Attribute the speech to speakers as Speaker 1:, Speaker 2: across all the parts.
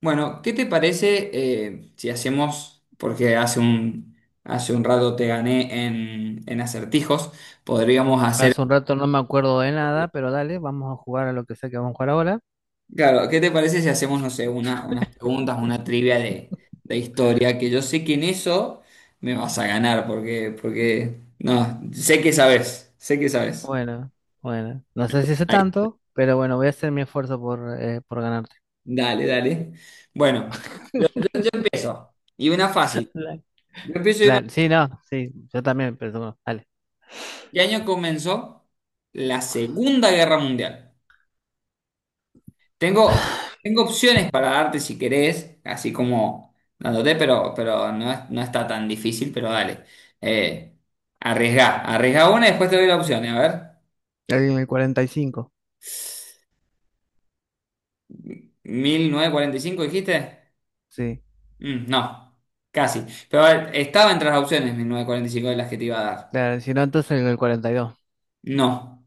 Speaker 1: Bueno, ¿qué te parece si hacemos, porque hace un rato te gané en acertijos, podríamos hacer,
Speaker 2: Hace un rato no me acuerdo de nada, pero dale, vamos a jugar a lo que sea que vamos a jugar ahora.
Speaker 1: claro, ¿qué te parece si hacemos, no sé, unas preguntas, una trivia de historia, que yo sé que en eso me vas a ganar, porque, no, sé que sabes, sé que sabes.
Speaker 2: Bueno, bueno, no sé si sé
Speaker 1: Ahí,
Speaker 2: tanto, pero bueno, voy a hacer mi esfuerzo por ganarte.
Speaker 1: dale. Bueno, yo empiezo, y una fácil.
Speaker 2: La-
Speaker 1: Yo empiezo y una...
Speaker 2: sí, no, sí, yo también, pero bueno, dale.
Speaker 1: ¿Qué año comenzó la Segunda Guerra Mundial? Tengo, tengo opciones para darte si querés, así como dándote, pero no, es- no está tan difícil, pero dale. Eh, arriesgá una y después te doy las opciones. A ver,
Speaker 2: En el 45.
Speaker 1: 1945 dijiste.
Speaker 2: Sí.
Speaker 1: No, casi. Pero a ver, estaba entre las opciones 1945 de las que te iba a dar.
Speaker 2: Claro, si no, entonces en el 42.
Speaker 1: No,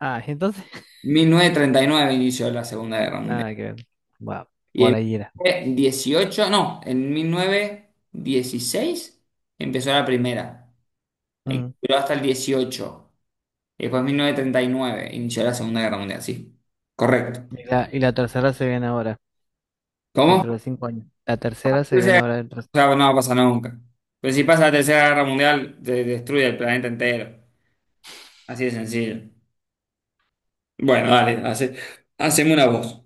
Speaker 2: Ah, ¿y entonces?
Speaker 1: 1939 inició la Segunda Guerra Mundial.
Speaker 2: Nada que ver. Guau, por
Speaker 1: Y
Speaker 2: ahí era.
Speaker 1: en 18, no, en mil novecientos dieciséis empezó la primera. Y
Speaker 2: Mm.
Speaker 1: duró hasta el dieciocho. Y después 1939 inició la Segunda Guerra Mundial, sí. Correcto.
Speaker 2: Y la tercera se viene ahora,
Speaker 1: ¿Cómo?
Speaker 2: dentro de 5 años. La tercera se viene
Speaker 1: Tercera-
Speaker 2: ahora dentro de...
Speaker 1: o sea, no va a pasar nunca. Pero si pasa la Tercera Guerra Mundial, te destruye el planeta entero. Así de sencillo. Bueno, dale, hace, haceme una voz.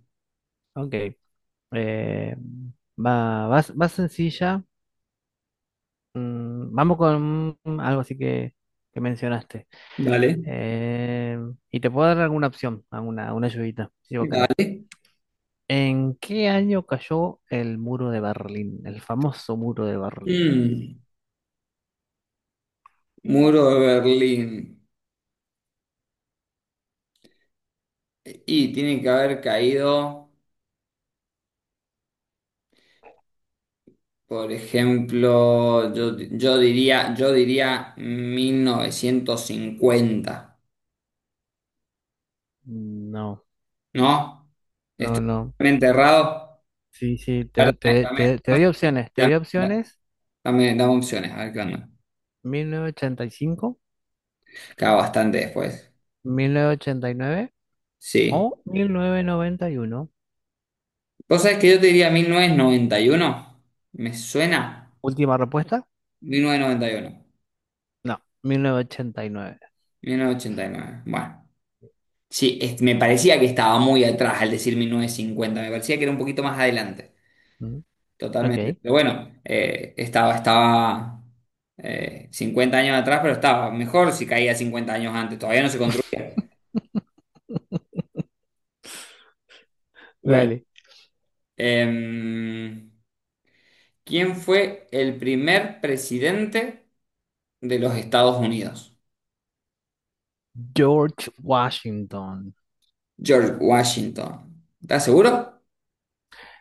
Speaker 2: Ok. Eh, va sencilla. Vamos con algo así que mencionaste.
Speaker 1: Dale,
Speaker 2: Eh, y te puedo dar alguna opción, una ayudita, si vos querés.
Speaker 1: dale.
Speaker 2: ¿En qué año cayó el muro de Berlín? El famoso muro de Berlín.
Speaker 1: Mm, muro de Berlín. Y tiene que haber caído, por ejemplo, yo diría 1950,
Speaker 2: No,
Speaker 1: ¿no?
Speaker 2: no,
Speaker 1: Estoy
Speaker 2: no.
Speaker 1: totalmente errado.
Speaker 2: Sí, sí,
Speaker 1: Claro,
Speaker 2: te,
Speaker 1: Dame,
Speaker 2: te, te, te doy opciones. Te
Speaker 1: dame,
Speaker 2: doy
Speaker 1: dame,
Speaker 2: opciones.
Speaker 1: dame, dame opciones, a ver qué onda.
Speaker 2: Mil novecientos ochenta y cinco,
Speaker 1: Queda bastante después.
Speaker 2: 1989
Speaker 1: Sí.
Speaker 2: o 1991.
Speaker 1: ¿Vos sabés que yo te diría mil novecientos noventa y uno? ¿Me suena?
Speaker 2: Última respuesta.
Speaker 1: Mil novecientos noventa y uno.
Speaker 2: No, 1989.
Speaker 1: Mil novecientos ochenta y nueve. Bueno. Sí, es- me parecía que estaba muy atrás al decir mil novecientos cincuenta. Me parecía que era un poquito más adelante. Totalmente.
Speaker 2: Ok.
Speaker 1: Pero bueno, estaba 50 años atrás, pero estaba mejor si caía 50 años antes. Todavía no se construía. Bueno.
Speaker 2: Dale.
Speaker 1: Em, ¿quién fue el primer presidente de los Estados Unidos?
Speaker 2: George Washington.
Speaker 1: George Washington. ¿Estás seguro?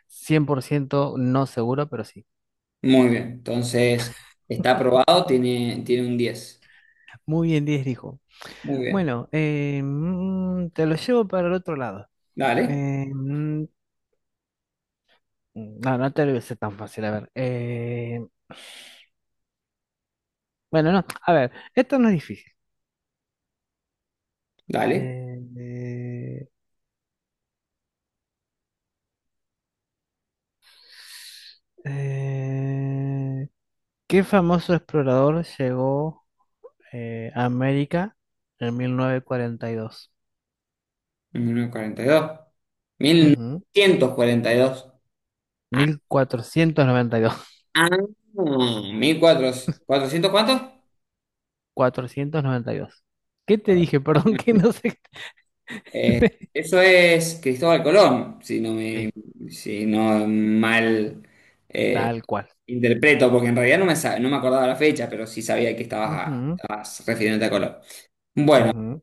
Speaker 2: 100% no seguro, pero sí.
Speaker 1: Muy bien. Entonces, está aprobado, tiene un 10.
Speaker 2: Muy bien, 10 dijo.
Speaker 1: Muy bien.
Speaker 2: Bueno, te lo llevo para el otro lado.
Speaker 1: Dale,
Speaker 2: Eh, mm, no, no te lo hice tan fácil, a ver. Bueno, no, a ver, esto no es difícil.
Speaker 1: dale.
Speaker 2: Eh, eh, eh, ¿Qué famoso explorador llegó a América en 1942?
Speaker 1: Mil novecientos cuarenta y dos. Mil
Speaker 2: Ujú,
Speaker 1: novecientos cuarenta y dos. 1942. 1942. Ah,
Speaker 2: 1492.
Speaker 1: ah, 1400. ¿400 cuántos?
Speaker 2: 492. ¿Qué te dije? Perdón, que no sé.
Speaker 1: Eh, eso es Cristóbal Colón, si no me,
Speaker 2: Sí,
Speaker 1: si no mal
Speaker 2: tal cual.
Speaker 1: interpreto, porque en realidad no me, sa- no me acordaba la fecha, pero sí sabía que estabas, a-
Speaker 2: Ujú,
Speaker 1: estabas refiriéndote a Colón. Bueno,
Speaker 2: ujú.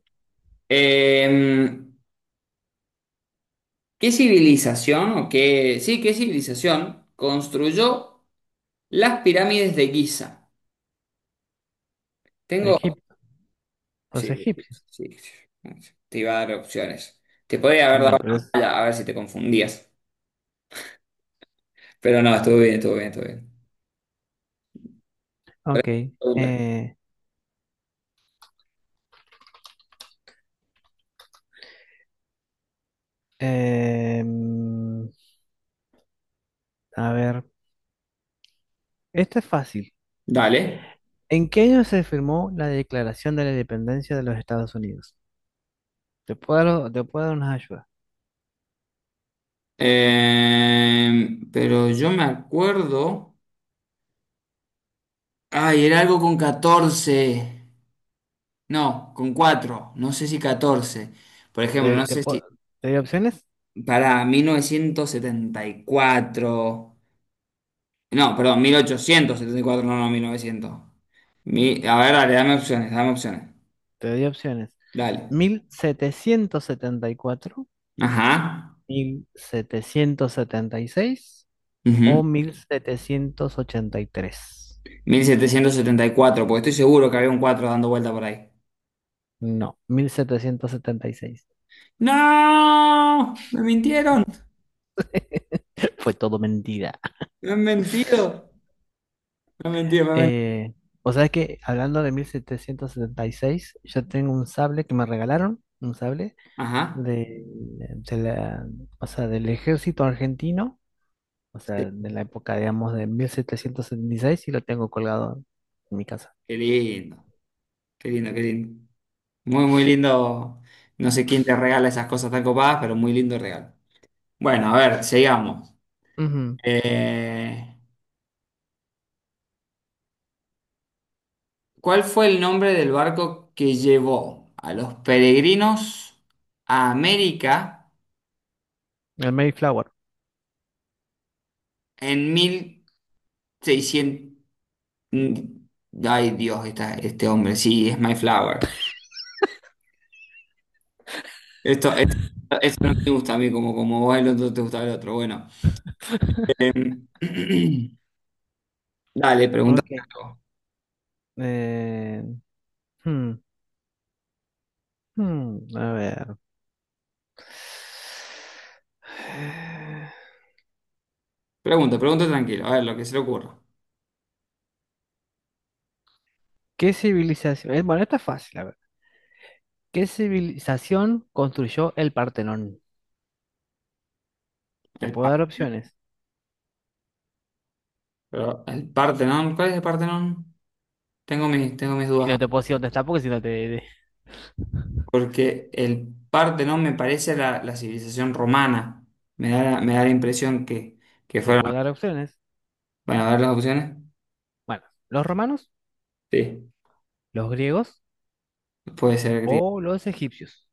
Speaker 1: eh, ¿qué civilización o qué, sí, qué civilización construyó las pirámides de Giza? Tengo,
Speaker 2: Egipto, los
Speaker 1: sí,
Speaker 2: egipcios.
Speaker 1: sí, sí, te iba a dar opciones. Te podría
Speaker 2: Sí,
Speaker 1: haber
Speaker 2: no,
Speaker 1: dado
Speaker 2: pero es...
Speaker 1: a ver si te confundías, pero no, estuvo bien, estuvo bien, estuvo bien.
Speaker 2: Ok. eh, em, a ver, esto es fácil.
Speaker 1: Dale.
Speaker 2: ¿En qué año se firmó la Declaración de la Independencia de los Estados Unidos? Te puedo dar unas ayudas.
Speaker 1: Pero yo me acuerdo. Ay, era algo con 14. No, con cuatro, no sé si 14. Por ejemplo,
Speaker 2: ¿Te,
Speaker 1: no
Speaker 2: te
Speaker 1: sé si
Speaker 2: puedo- Te doy opciones?
Speaker 1: para 1974. No, perdón, 1874. No, no, 1900. Mi- a ver, dale, dame opciones, dame opciones.
Speaker 2: Te doy opciones.
Speaker 1: Dale.
Speaker 2: 1774,
Speaker 1: Ajá.
Speaker 2: 1776
Speaker 1: Ujú.
Speaker 2: o 1783.
Speaker 1: Mil setecientos setenta y cuatro, porque estoy seguro que había un 4 dando vuelta por ahí.
Speaker 2: No, 1776.
Speaker 1: ¡No! Me mintieron.
Speaker 2: Fue todo mentira.
Speaker 1: Me han mentido. Me han mentido, me han mentido.
Speaker 2: Eh, o sea es que hablando de 1776 yo tengo un sable que me regalaron, un sable
Speaker 1: Ajá.
Speaker 2: de la, o sea, del ejército argentino, o sea,
Speaker 1: Sí.
Speaker 2: de la época, digamos, de 1776 y seis, y lo tengo colgado en mi casa.
Speaker 1: Qué lindo, qué lindo, qué lindo. Muy, muy lindo. No sé quién te regala esas cosas tan copadas, pero muy lindo regalo. Bueno, a ver, sigamos.
Speaker 2: Ujú.
Speaker 1: Eh, ¿Cuál fue el nombre del barco que llevó a los peregrinos a América
Speaker 2: El Mayflower.
Speaker 1: en 1600? Mm, Ay, Dios, esta- este hombre, sí, es Mayflower. Esto, esto no me gusta a mí, como, como vos el otro te gusta el otro. Bueno, dale, pregunta.
Speaker 2: Ok. Eh, hmm, a ver.
Speaker 1: Pregunta, pregunta tranquilo, a ver lo que se le ocurra.
Speaker 2: ¿Qué civilización? Bueno, esta es fácil, a ver. ¿Qué civilización construyó el Partenón? Te
Speaker 1: El,
Speaker 2: puedo
Speaker 1: Par-
Speaker 2: dar opciones.
Speaker 1: pero el Partenón, ¿cuál es el Partenón? Tengo mis
Speaker 2: Y
Speaker 1: dudas,
Speaker 2: no te puedo decir dónde está porque si no te,
Speaker 1: porque el Partenón me parece la, la civilización romana. Me da la impresión que
Speaker 2: te
Speaker 1: fueron...
Speaker 2: puedo dar opciones.
Speaker 1: Bueno, a ver las opciones.
Speaker 2: Bueno, ¿los romanos,
Speaker 1: Sí,
Speaker 2: los griegos
Speaker 1: puede ser griego.
Speaker 2: o los egipcios?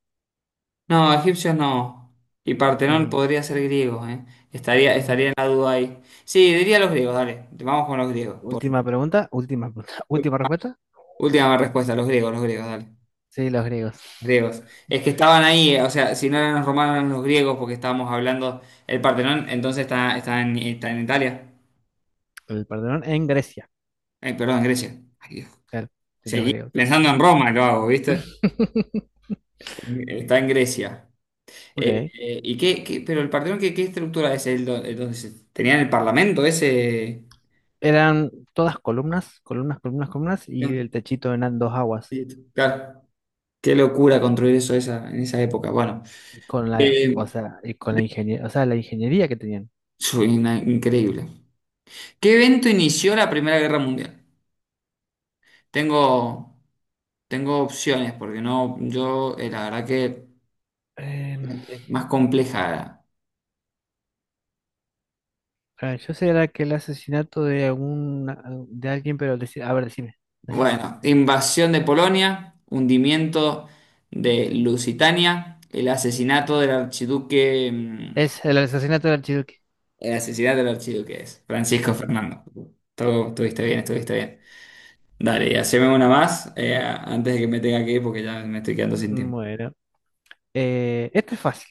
Speaker 1: No, egipcios no. Y Partenón
Speaker 2: Ujú,
Speaker 1: podría ser griego, ¿eh? Estaría
Speaker 2: ujú.
Speaker 1: en la duda ahí. Sí, diría los griegos, dale. Vamos con los griegos. Por-
Speaker 2: Última pregunta, última respuesta.
Speaker 1: última respuesta, los griegos, dale.
Speaker 2: Sí, los griegos.
Speaker 1: Griegos. Es que estaban ahí, o sea, si no eran los romanos, eran los griegos, porque estábamos hablando. El Partenón, entonces está en, está en Italia.
Speaker 2: El Partenón en Grecia.
Speaker 1: Ay, perdón, en Grecia. Ay, Dios.
Speaker 2: Claro, sí, los
Speaker 1: Seguí
Speaker 2: griegos.
Speaker 1: pensando en Roma, lo hago, ¿viste? Está en Grecia.
Speaker 2: Ok.
Speaker 1: ¿Y qué, qué- pero el Partenón, ¿qué, qué estructura es? El, do- el donde se- ¿tenían el parlamento ese?
Speaker 2: Eran todas columnas, columnas, columnas, columnas,
Speaker 1: No,
Speaker 2: y el techito eran dos aguas.
Speaker 1: claro. Qué locura construir eso esa, en esa época. Bueno,
Speaker 2: Y con la,
Speaker 1: eh,
Speaker 2: o sea, y con la ingeniería, o sea, la ingeniería que tenían.
Speaker 1: soy una- increíble. ¿Qué evento inició la Primera Guerra Mundial? Tengo. Tengo opciones porque no, yo la verdad que
Speaker 2: Em,
Speaker 1: es más compleja.
Speaker 2: a ver, yo sé era que el asesinato de algún, de alguien, pero a ver, decime, decime.
Speaker 1: Bueno, invasión de Polonia, hundimiento de Lusitania, el asesinato del archiduque,
Speaker 2: Es el asesinato del archiduque.
Speaker 1: el asesinato del archiduque es Francisco
Speaker 2: Sí, sí.
Speaker 1: Fernando. Todo estuviste bien, estuviste bien. Dale, y haceme una más, antes de que me tenga que ir porque ya me estoy quedando sin tiempo.
Speaker 2: Bueno, este es fácil.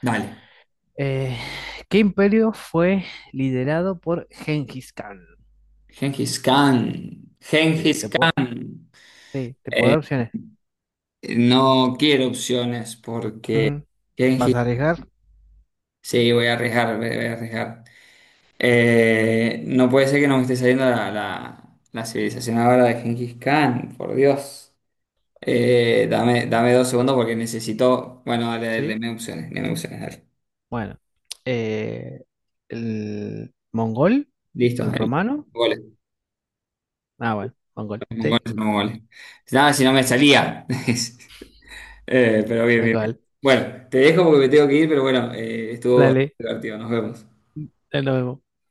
Speaker 1: Dale,
Speaker 2: Eh, ¿Qué imperio fue liderado por Genghis Khan?
Speaker 1: Genghis Khan,
Speaker 2: Te,
Speaker 1: Genghis
Speaker 2: te
Speaker 1: Khan.
Speaker 2: puedo, sí, te puedo dar opciones.
Speaker 1: No quiero opciones porque
Speaker 2: Ujú. ¿Vas
Speaker 1: Genghis.
Speaker 2: a arriesgar?
Speaker 1: Sí, voy a arriesgar, voy a arriesgar. No puede ser que no me esté saliendo la civilización ahora de Genghis Khan, por Dios. Dame dos segundos porque necesito. Bueno, dale,
Speaker 2: Sí.
Speaker 1: dame opciones, dale.
Speaker 2: Bueno, eh, el mongol, el
Speaker 1: Listo, el
Speaker 2: romano.
Speaker 1: goles,
Speaker 2: Ah, bueno, mongol,
Speaker 1: los
Speaker 2: sí,
Speaker 1: mongoles, los mongoles. Nada, si no me salía. Pero bien,
Speaker 2: tal
Speaker 1: bien, bien.
Speaker 2: cual.
Speaker 1: Bueno, te dejo porque me tengo que ir, pero bueno, estuvo
Speaker 2: Dale,
Speaker 1: divertido, nos vemos.
Speaker 2: nos vemos.